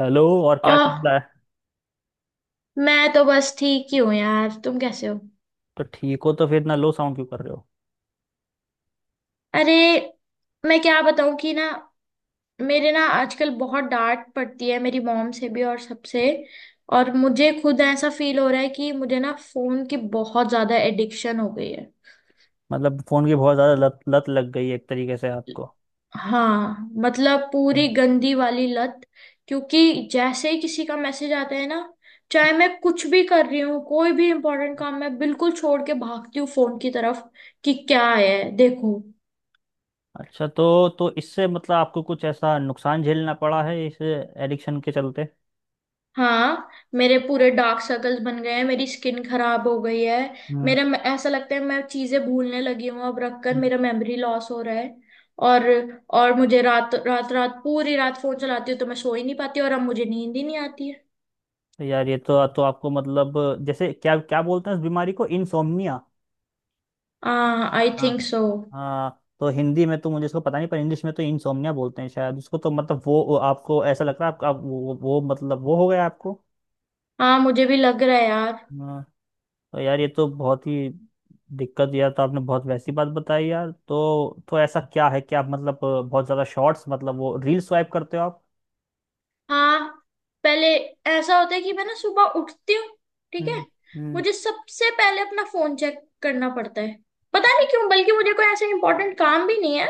Hello, और क्या ओह। चल रहा है? मैं तो बस ठीक ही हूँ यार, तुम कैसे हो? तो ठीक हो तो फिर इतना लो साउंड क्यों कर रहे हो? अरे। मैं क्या बताऊँ कि ना। मेरे ना आजकल बहुत डांट पड़ती है, मेरी मॉम से भी और सबसे। और मुझे खुद ऐसा फील हो रहा है कि मुझे ना फोन की बहुत ज्यादा एडिक्शन हो गई है। मतलब फोन की बहुत ज्यादा लत लत लग गई है एक तरीके से आपको। हाँ। मतलब पूरी हम्म। गंदी वाली लत। क्योंकि जैसे ही किसी का मैसेज आता है ना, चाहे मैं कुछ भी कर रही हूँ, कोई भी इम्पोर्टेंट काम मैं बिल्कुल छोड़ के भागती हूँ फोन की तरफ कि क्या है, देखो। अच्छा, तो इससे मतलब आपको कुछ ऐसा नुकसान झेलना पड़ा है इस एडिक्शन के चलते? हाँ। मेरे पूरे डार्क सर्कल्स बन गए हैं, मेरी स्किन खराब हो गई है। हम्म। ऐसा लगता है मैं चीजें भूलने लगी हूँ, अब रखकर हम्म। मेरा मेमोरी लॉस हो रहा है। और। और मुझे रात रात रात पूरी रात फोन चलाती हूँ तो मैं सो ही नहीं पाती और अब मुझे नींद ही नहीं आती है। तो यार ये तो आपको मतलब, जैसे क्या क्या बोलते हैं इस बीमारी को, इंसोम्निया। हाँ आई हाँ। Think so. हाँ, तो हिंदी में तो मुझे इसको पता नहीं, पर इंग्लिश में तो इंसोम्निया बोलते हैं शायद उसको, तो मतलब वो आपको ऐसा लग रहा है आपका आप, वो मतलब वो हो गया आपको। हाँ मुझे भी लग रहा है यार। तो यार, ये तो बहुत ही दिक्कत दिया, तो आपने बहुत वैसी बात बताई यार, तो ऐसा क्या है कि आप मतलब बहुत ज्यादा शॉर्ट्स, मतलब वो रील स्वाइप करते हो आप? हाँ। पहले। ऐसा होता है कि मैं ना सुबह उठती हूँ। ठीक है। हम्म। हम्म। मुझे सबसे पहले अपना फोन चेक करना पड़ता है, पता नहीं क्यों, बल्कि मुझे कोई ऐसा इंपॉर्टेंट काम भी नहीं है।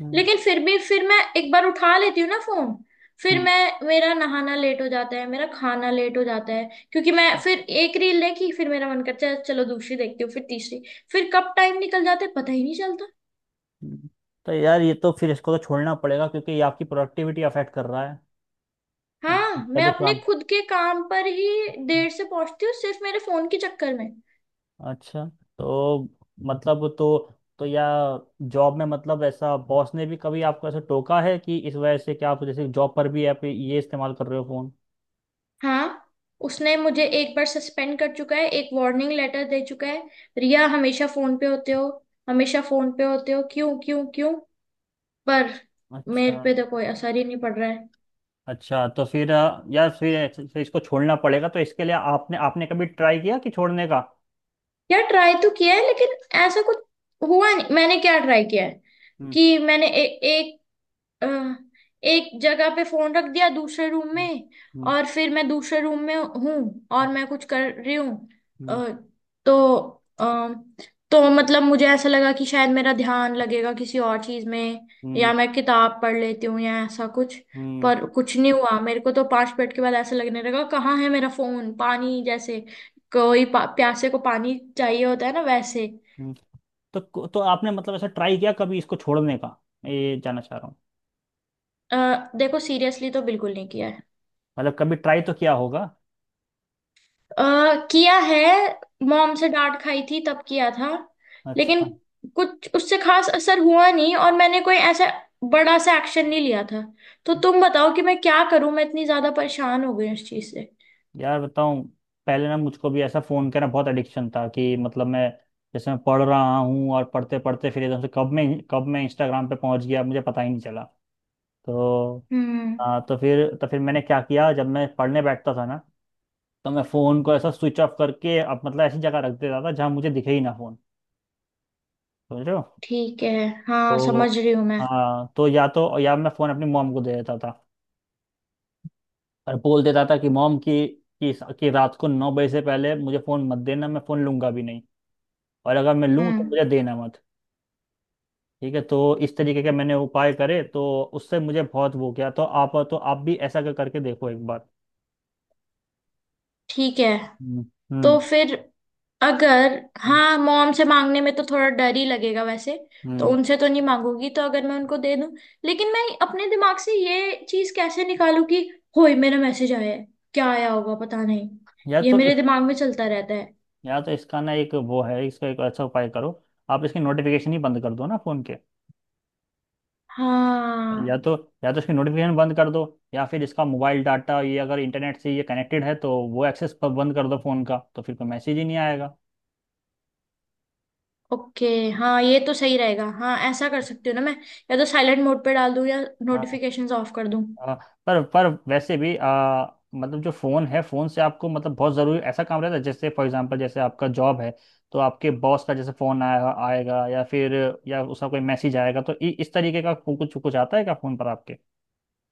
हम्म। लेकिन फिर भी फिर मैं एक बार उठा लेती हूँ ना फोन। फिर हम्म। मैं मेरा नहाना लेट हो जाता है, मेरा खाना लेट हो जाता है, क्योंकि मैं फिर एक रील देखी, फिर मेरा मन करता है चलो दूसरी देखती हूँ, फिर तीसरी। फिर कब टाइम निकल जाता है पता ही नहीं चलता। हम्म। तो यार ये तो फिर इसको तो छोड़ना पड़ेगा, क्योंकि ये आपकी प्रोडक्टिविटी अफेक्ट कर रहा है। हाँ आपका मैं जो अपने काम। खुद के काम पर ही देर से पहुंचती हूँ, सिर्फ मेरे फोन के चक्कर में। अच्छा। तो मतलब, तो या जॉब में, मतलब ऐसा बॉस ने भी कभी आपको ऐसा टोका है कि इस वजह से, क्या आप जैसे जॉब पर भी आप ये इस्तेमाल कर रहे हो फोन? हाँ। उसने मुझे एक बार सस्पेंड कर चुका है, एक वार्निंग लेटर दे चुका है। रिया हमेशा फोन पे होते हो। हमेशा फोन पे होते हो, क्यों क्यों क्यों? पर। अच्छा। मेरे पे तो कोई असर ही नहीं पड़ रहा है। अच्छा तो फिर यार फिर फिर इसको छोड़ना पड़ेगा, तो इसके लिए आपने आपने कभी ट्राई किया कि छोड़ने का? यार ट्राई तो किया है लेकिन। ऐसा कुछ। हुआ नहीं। मैंने क्या ट्राई किया है हम्म। कि मैंने एक अ, एक जगह पे फोन रख दिया दूसरे रूम में। हम्म। और फिर मैं दूसरे रूम में हूँ और मैं कुछ कर रही हूँ। हम्म। अ, तो अ, तो मतलब मुझे ऐसा लगा कि शायद मेरा ध्यान लगेगा किसी और चीज में। या हम्म। मैं किताब पढ़ लेती हूँ या ऐसा कुछ। हम्म। पर कुछ नहीं हुआ मेरे को, तो पांच मिनट के बाद ऐसा लगने लगा कहाँ है मेरा फोन, पानी जैसे। प्यासे को पानी चाहिए होता है ना वैसे। हम्म। तो तो आपने मतलब ऐसा ट्राई किया कभी इसको छोड़ने का, मैं ये जानना चाह रहा हूँ। अ, देखो सीरियसली तो बिल्कुल नहीं किया है। मतलब कभी ट्राई तो किया होगा। अ, किया है। मॉम से डांट खाई थी तब किया था। लेकिन अच्छा। कुछ उससे खास असर हुआ नहीं और मैंने कोई ऐसा बड़ा सा एक्शन नहीं लिया था। तो तुम बताओ कि मैं क्या करूं, मैं इतनी ज्यादा परेशान हो गई उस चीज से। यार बताऊं। पहले ना मुझको भी ऐसा फ़ोन का ना बहुत एडिक्शन था, कि मतलब मैं जैसे मैं पढ़ रहा हूँ, और पढ़ते पढ़ते फिर एकदम से कब मैं इंस्टाग्राम पे पहुंच गया, मुझे पता ही नहीं चला। तो। हम्म। हाँ, तो फिर मैंने क्या किया, जब मैं पढ़ने बैठता था ना, तो मैं फ़ोन को ऐसा स्विच ऑफ करके, अब मतलब ऐसी जगह रख देता था जहाँ मुझे दिखे ही ना फ़ोन। समझ रहे हो? ठीक है। हाँ समझ तो। रही हूँ मैं। हाँ, तो या तो मैं फ़ोन अपनी मॉम को दे देता था, और बोल देता था कि मॉम कि रात को 9 बजे से पहले मुझे फ़ोन मत देना, मैं फ़ोन लूंगा भी नहीं। और अगर मैं लूँ तो हम्म। मुझे देना मत। ठीक है, तो इस तरीके के मैंने उपाय करे, तो उससे मुझे बहुत वो किया, तो आप भी ऐसा करके देखो एक बार। ठीक है। हम्म। हम्म। तो फिर। अगर। हाँ मॉम से मांगने में तो थोड़ा डर ही लगेगा वैसे। तो हम्म। उनसे तो नहीं मांगूंगी तो, अगर मैं उनको दे दूं। लेकिन मैं अपने दिमाग से ये चीज कैसे निकालूं कि होय मेरा मैसेज आया है, क्या आया होगा पता नहीं। यार, ये तो मेरे दिमाग में चलता रहता है। या तो इसका ना एक वो है, इसका एक अच्छा उपाय करो। आप इसकी नोटिफिकेशन ही बंद कर दो ना फ़ोन के। या हाँ। तो या तो इसकी नोटिफिकेशन बंद कर दो, या फिर इसका मोबाइल डाटा, ये अगर इंटरनेट से ये कनेक्टेड है तो वो एक्सेस पर बंद कर दो फ़ोन का, तो फिर कोई मैसेज ही नहीं आएगा। ओके हाँ ये तो सही रहेगा, हाँ ऐसा कर सकती हूँ ना मैं। या तो साइलेंट मोड पे डाल दूँ या हाँ। नोटिफिकेशंस ऑफ कर दूँ। हाँ, पर वैसे भी मतलब जो फ़ोन है फ़ोन से आपको, मतलब बहुत ज़रूरी ऐसा काम रहता है जैसे फॉर एग्जांपल, जैसे आपका जॉब है। तो आपके बॉस का जैसे फ़ोन आएगा आएगा, या फिर या उसका कोई मैसेज आएगा, तो इस तरीके का कुछ कुछ आता है क्या फ़ोन पर आपके?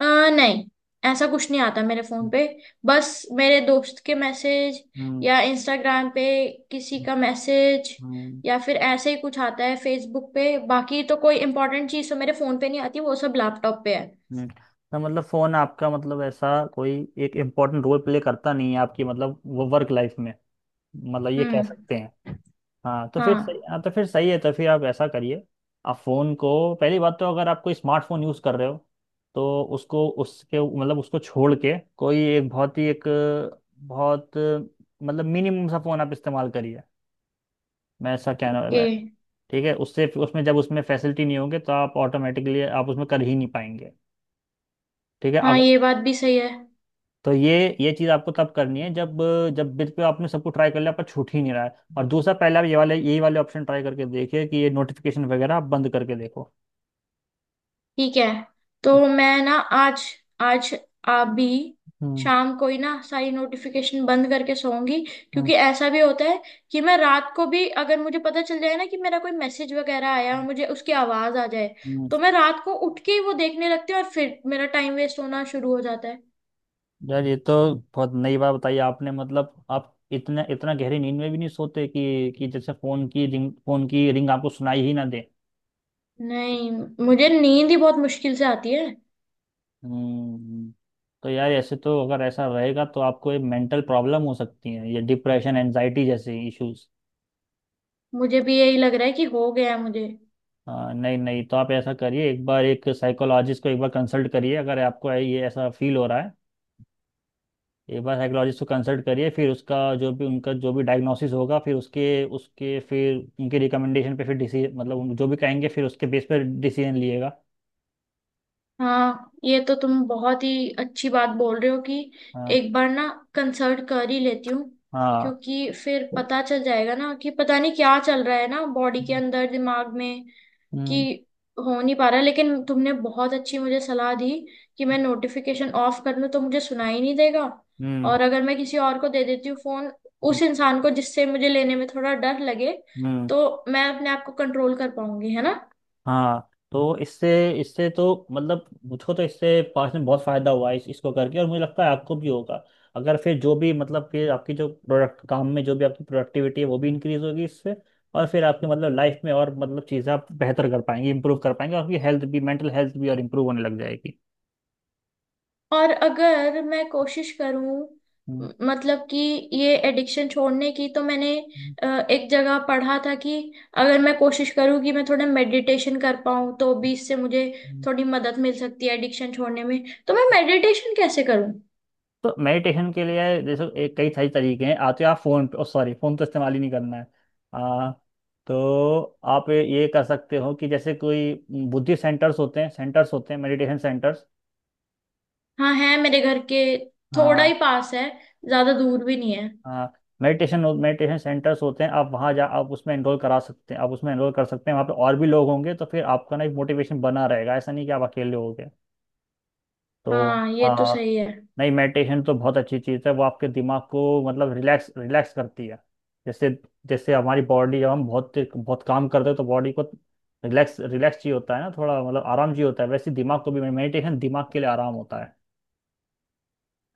अ, नहीं। ऐसा कुछ नहीं आता मेरे फोन पे। बस। मेरे दोस्त के मैसेज। हम्म। या इंस्टाग्राम पे किसी का मैसेज। हम्म। या फिर ऐसे ही कुछ आता है फेसबुक पे, बाकी तो कोई इंपॉर्टेंट चीज़ तो मेरे फोन पे नहीं आती, वो सब लैपटॉप पे है। हम्म। तो मतलब फोन आपका, मतलब ऐसा कोई एक इम्पोर्टेंट रोल प्ले करता नहीं है आपकी मतलब वो वर्क लाइफ में, मतलब ये कह हम्म। सकते हैं। हाँ तो फिर सही हाँ। हाँ तो फिर सही है, तो फिर आप ऐसा करिए। आप फ़ोन को, पहली बात तो, अगर आप कोई स्मार्टफोन यूज़ कर रहे हो, तो उसको उसके मतलब उसको छोड़ के, कोई एक बहुत ही एक बहुत मतलब मिनिमम सा फ़ोन आप इस्तेमाल करिए, मैं ऐसा कहना ओके। मैं ठीक है, उससे उसमें जब उसमें फैसिलिटी नहीं होंगे, तो आप ऑटोमेटिकली आप उसमें कर ही नहीं पाएंगे। ठीक है, हाँ अगर ये बात भी सही है। तो ये चीज़ आपको तब करनी है, जब जब बिल पे आपने सबको ट्राई कर लिया पर छूट ही नहीं रहा है। और दूसरा, पहले आप ये वाले यही वाले ऑप्शन ट्राई करके देखिए, कि ये नोटिफिकेशन वगैरह आप बंद करके देखो। ठीक है। तो मैं ना आज। आज। अभी हम्म। शाम को ही ना सारी नोटिफिकेशन बंद करके सोऊंगी। हम्म। क्योंकि ऐसा भी होता है कि मैं रात को भी अगर मुझे पता चल जाए ना कि मेरा कोई मैसेज वगैरह आया और मुझे उसकी आवाज आ जाए हम्म। तो मैं रात को उठ के ही वो देखने लगती हूँ और फिर मेरा टाइम वेस्ट होना शुरू हो जाता है। यार, ये तो बहुत नई बात बताई आपने, मतलब आप इतना इतना गहरी नींद में भी नहीं सोते कि जैसे फोन की रिंग आपको सुनाई ही ना दे? नहीं। मुझे नींद ही बहुत मुश्किल से आती है। हम्म। तो यार ऐसे तो, अगर ऐसा रहेगा तो आपको ये मेंटल प्रॉब्लम हो सकती है, ये डिप्रेशन, एनजाइटी जैसे इश्यूज। मुझे भी यही लग रहा है कि हो गया है मुझे। हाँ, नहीं नहीं, तो आप ऐसा करिए, एक बार एक साइकोलॉजिस्ट को एक बार कंसल्ट करिए, अगर आपको ये ऐसा फील हो रहा है। एक बार साइकोलॉजिस्ट को कंसल्ट करिए, फिर उसका जो भी उनका जो भी डायग्नोसिस होगा, फिर उसके उसके फिर उनके रिकमेंडेशन पे फिर डिसीजन, मतलब जो भी कहेंगे फिर उसके बेस पर डिसीजन लिएगा। हाँ ये तो तुम बहुत ही अच्छी बात बोल रहे हो कि हाँ। एक बार ना कंसल्ट कर ही लेती हूँ। हाँ। क्योंकि फिर पता चल जाएगा ना कि पता नहीं क्या चल रहा है ना बॉडी के अंदर दिमाग में कि हम्म। हो नहीं पा रहा, लेकिन तुमने बहुत अच्छी मुझे सलाह दी कि मैं नोटिफिकेशन ऑफ कर लूँ तो मुझे सुनाई नहीं देगा। हम्म। और अगर मैं किसी और को दे देती हूँ फोन, हम्म। उस इंसान को जिससे मुझे लेने में थोड़ा डर लगे, हम्म। तो मैं अपने आप को कंट्रोल कर पाऊंगी, है ना। हाँ, तो इससे इससे तो, मतलब मुझको तो इससे पास में बहुत फायदा हुआ है इसको करके, और मुझे लगता है आपको भी होगा। अगर फिर जो भी मतलब, फिर आपकी जो प्रोडक्ट काम में, जो भी आपकी प्रोडक्टिविटी है, वो भी इंक्रीज होगी इससे। और फिर आपकी मतलब लाइफ में और, मतलब चीज़ें आप बेहतर कर पाएंगे, इंप्रूव कर पाएंगे, और आपकी हेल्थ भी, मेंटल हेल्थ भी और इंप्रूव होने लग जाएगी। और अगर मैं कोशिश करूं हम्म। मतलब कि ये एडिक्शन छोड़ने की, तो मैंने एक जगह पढ़ा था कि अगर मैं कोशिश करूं कि मैं थोड़ा मेडिटेशन कर पाऊं तो भी इससे मुझे हम्म। थोड़ी मदद मिल सकती है एडिक्शन छोड़ने में। तो मैं मेडिटेशन कैसे करूं? तो मेडिटेशन के लिए जैसे एक कई सारी तरीके हैं। आते आप फोन पे, सॉरी, फोन तो इस्तेमाल ही नहीं करना है। आ, तो आप ये कर सकते हो कि जैसे कोई बुद्धि सेंटर्स होते हैं, सेंटर्स होते हैं, मेडिटेशन सेंटर्स। हाँ है मेरे घर के थोड़ा ही हाँ। पास है, ज्यादा दूर भी नहीं है। हाँ, मेडिटेशन मेडिटेशन सेंटर्स होते हैं, आप वहाँ जा, आप उसमें एनरोल करा सकते हैं, आप उसमें एनरोल कर सकते हैं, वहाँ पे और भी लोग होंगे तो फिर आपका ना एक मोटिवेशन बना रहेगा, ऐसा नहीं कि आप अकेले हो। तो हाँ ये तो सही है। नहीं, मेडिटेशन तो बहुत अच्छी चीज़ है, वो आपके दिमाग को, मतलब रिलैक्स रिलैक्स करती है। जैसे जैसे हमारी बॉडी जब हम बहुत बहुत काम करते हैं, तो बॉडी को रिलैक्स रिलैक्स चाहिए होता है ना, थोड़ा मतलब आराम चाहिए होता है। वैसे दिमाग को भी मेडिटेशन, दिमाग के लिए आराम होता है।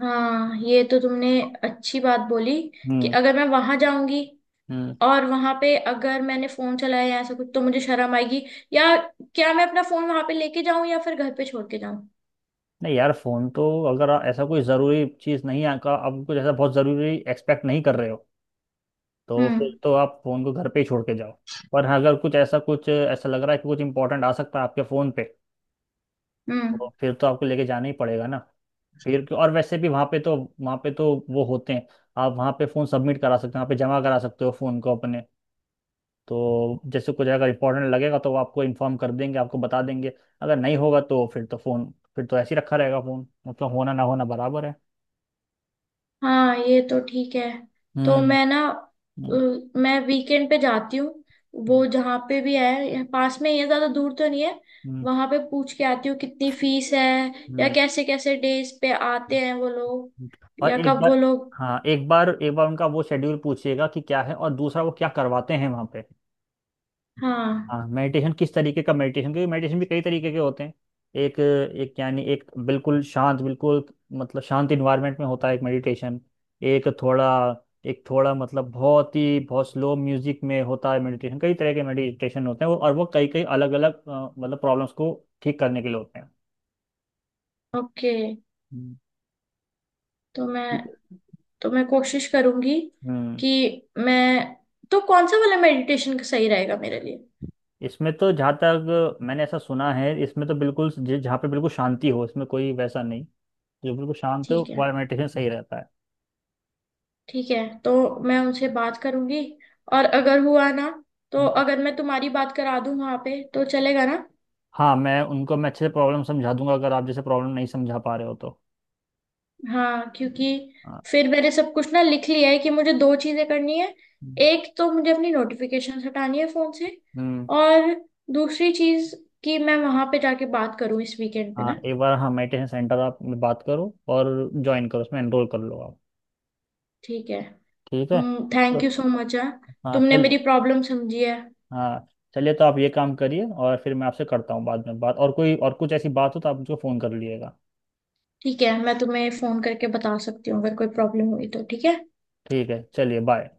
हाँ ये तो तुमने अच्छी बात बोली कि हम्म। अगर मैं वहां जाऊंगी हम्म। और वहां पे अगर मैंने फोन चलाया या ऐसा कुछ तो मुझे शर्म आएगी। या क्या मैं अपना फोन वहां पे लेके जाऊं या फिर घर पे छोड़ के जाऊं? नहीं यार, फोन तो, अगर ऐसा कोई जरूरी चीज नहीं है का, आप कुछ ऐसा बहुत जरूरी एक्सपेक्ट नहीं कर रहे हो, तो फिर हम्म। तो आप फोन को घर पे ही छोड़ के जाओ। पर हाँ, अगर कुछ ऐसा लग रहा है कि कुछ इंपॉर्टेंट आ सकता है आपके फोन पे, तो हम्म। फिर तो आपको लेके जाना ही पड़ेगा ना। फिर और वैसे भी वहाँ पे तो वो होते हैं। आप वहाँ पे फ़ोन सबमिट करा सकते हो, वहाँ पे जमा करा सकते हो फ़ोन को अपने। तो जैसे कुछ अगर इंपॉर्टेंट लगेगा, तो वो आपको इन्फॉर्म कर देंगे, आपको बता देंगे। अगर नहीं होगा तो फिर तो फ़ोन फिर तो ऐसे ही रखा रहेगा फ़ोन, मतलब होना ना होना बराबर है। हाँ ये तो ठीक है। तो हम्म। मैं ना हम्म। मैं वीकेंड पे जाती हूँ, वो हम्म। जहाँ पे भी है यहाँ पास में ही है ज्यादा दूर तो नहीं है। हम्म। वहां पे पूछ के आती हूँ कितनी फीस है या हम्म। कैसे कैसे डेज पे आते हैं वो लोग और या एक कब वो बार लोग। हाँ एक बार उनका वो शेड्यूल पूछिएगा कि क्या है, और दूसरा वो क्या करवाते हैं वहाँ पे। हाँ हाँ, मेडिटेशन किस तरीके का मेडिटेशन, क्योंकि मेडिटेशन भी कई तरीके के होते हैं। एक एक यानी एक बिल्कुल शांत, बिल्कुल मतलब शांत इन्वायरमेंट में होता है एक मेडिटेशन। एक थोड़ा एक थोड़ा मतलब बहुत ही बहुत स्लो म्यूजिक में होता है मेडिटेशन। कई तरह के मेडिटेशन होते हैं वो, और वो कई कई अलग अलग मतलब प्रॉब्लम्स को ठीक करने के लिए होते हैं। ओके। हम्म। तो ठीक मैं। है। तो मैं कोशिश करूंगी हम्म। कि मैं। तो कौन सा वाला मेडिटेशन का सही रहेगा मेरे लिए? इसमें तो जहाँ तक मैंने ऐसा सुना है, इसमें तो बिल्कुल जहाँ पे बिल्कुल शांति हो, इसमें कोई वैसा नहीं, जो बिल्कुल शांत ठीक हो है। वह मेडिटेशन सही रहता है। ठीक है। तो मैं उनसे बात करूंगी और अगर हुआ ना तो हम्म। अगर मैं तुम्हारी बात करा दूं वहां पे तो चलेगा ना। हाँ, मैं उनको मैं अच्छे से प्रॉब्लम समझा दूंगा, अगर आप जैसे प्रॉब्लम नहीं समझा पा रहे हो तो। हाँ क्योंकि हाँ। फिर मैंने सब कुछ ना लिख लिया है कि मुझे दो चीजें करनी है। एक तो मुझे अपनी नोटिफिकेशन हटानी है फोन से हम्म। और दूसरी चीज कि मैं वहां पे जाके बात करूं इस वीकेंड पे हाँ, ना। एक बार, हाँ, मेडिटेशन सेंटर आप में बात करो, और ज्वाइन करो, उसमें एनरोल कर लो आप। ठीक है। ठीक है। तो थैंक यू सो मच है। हाँ, तुमने चल। मेरी प्रॉब्लम समझी है। हाँ, चलिए तो आप ये काम करिए, और फिर मैं आपसे करता हूँ बाद में बात, और कोई और कुछ ऐसी बात हो तो आप मुझको फ़ोन कर लीजिएगा। ठीक है मैं तुम्हें फोन करके बता सकती हूँ अगर कोई प्रॉब्लम हुई तो, ठीक है। ठीक है, चलिए, बाय।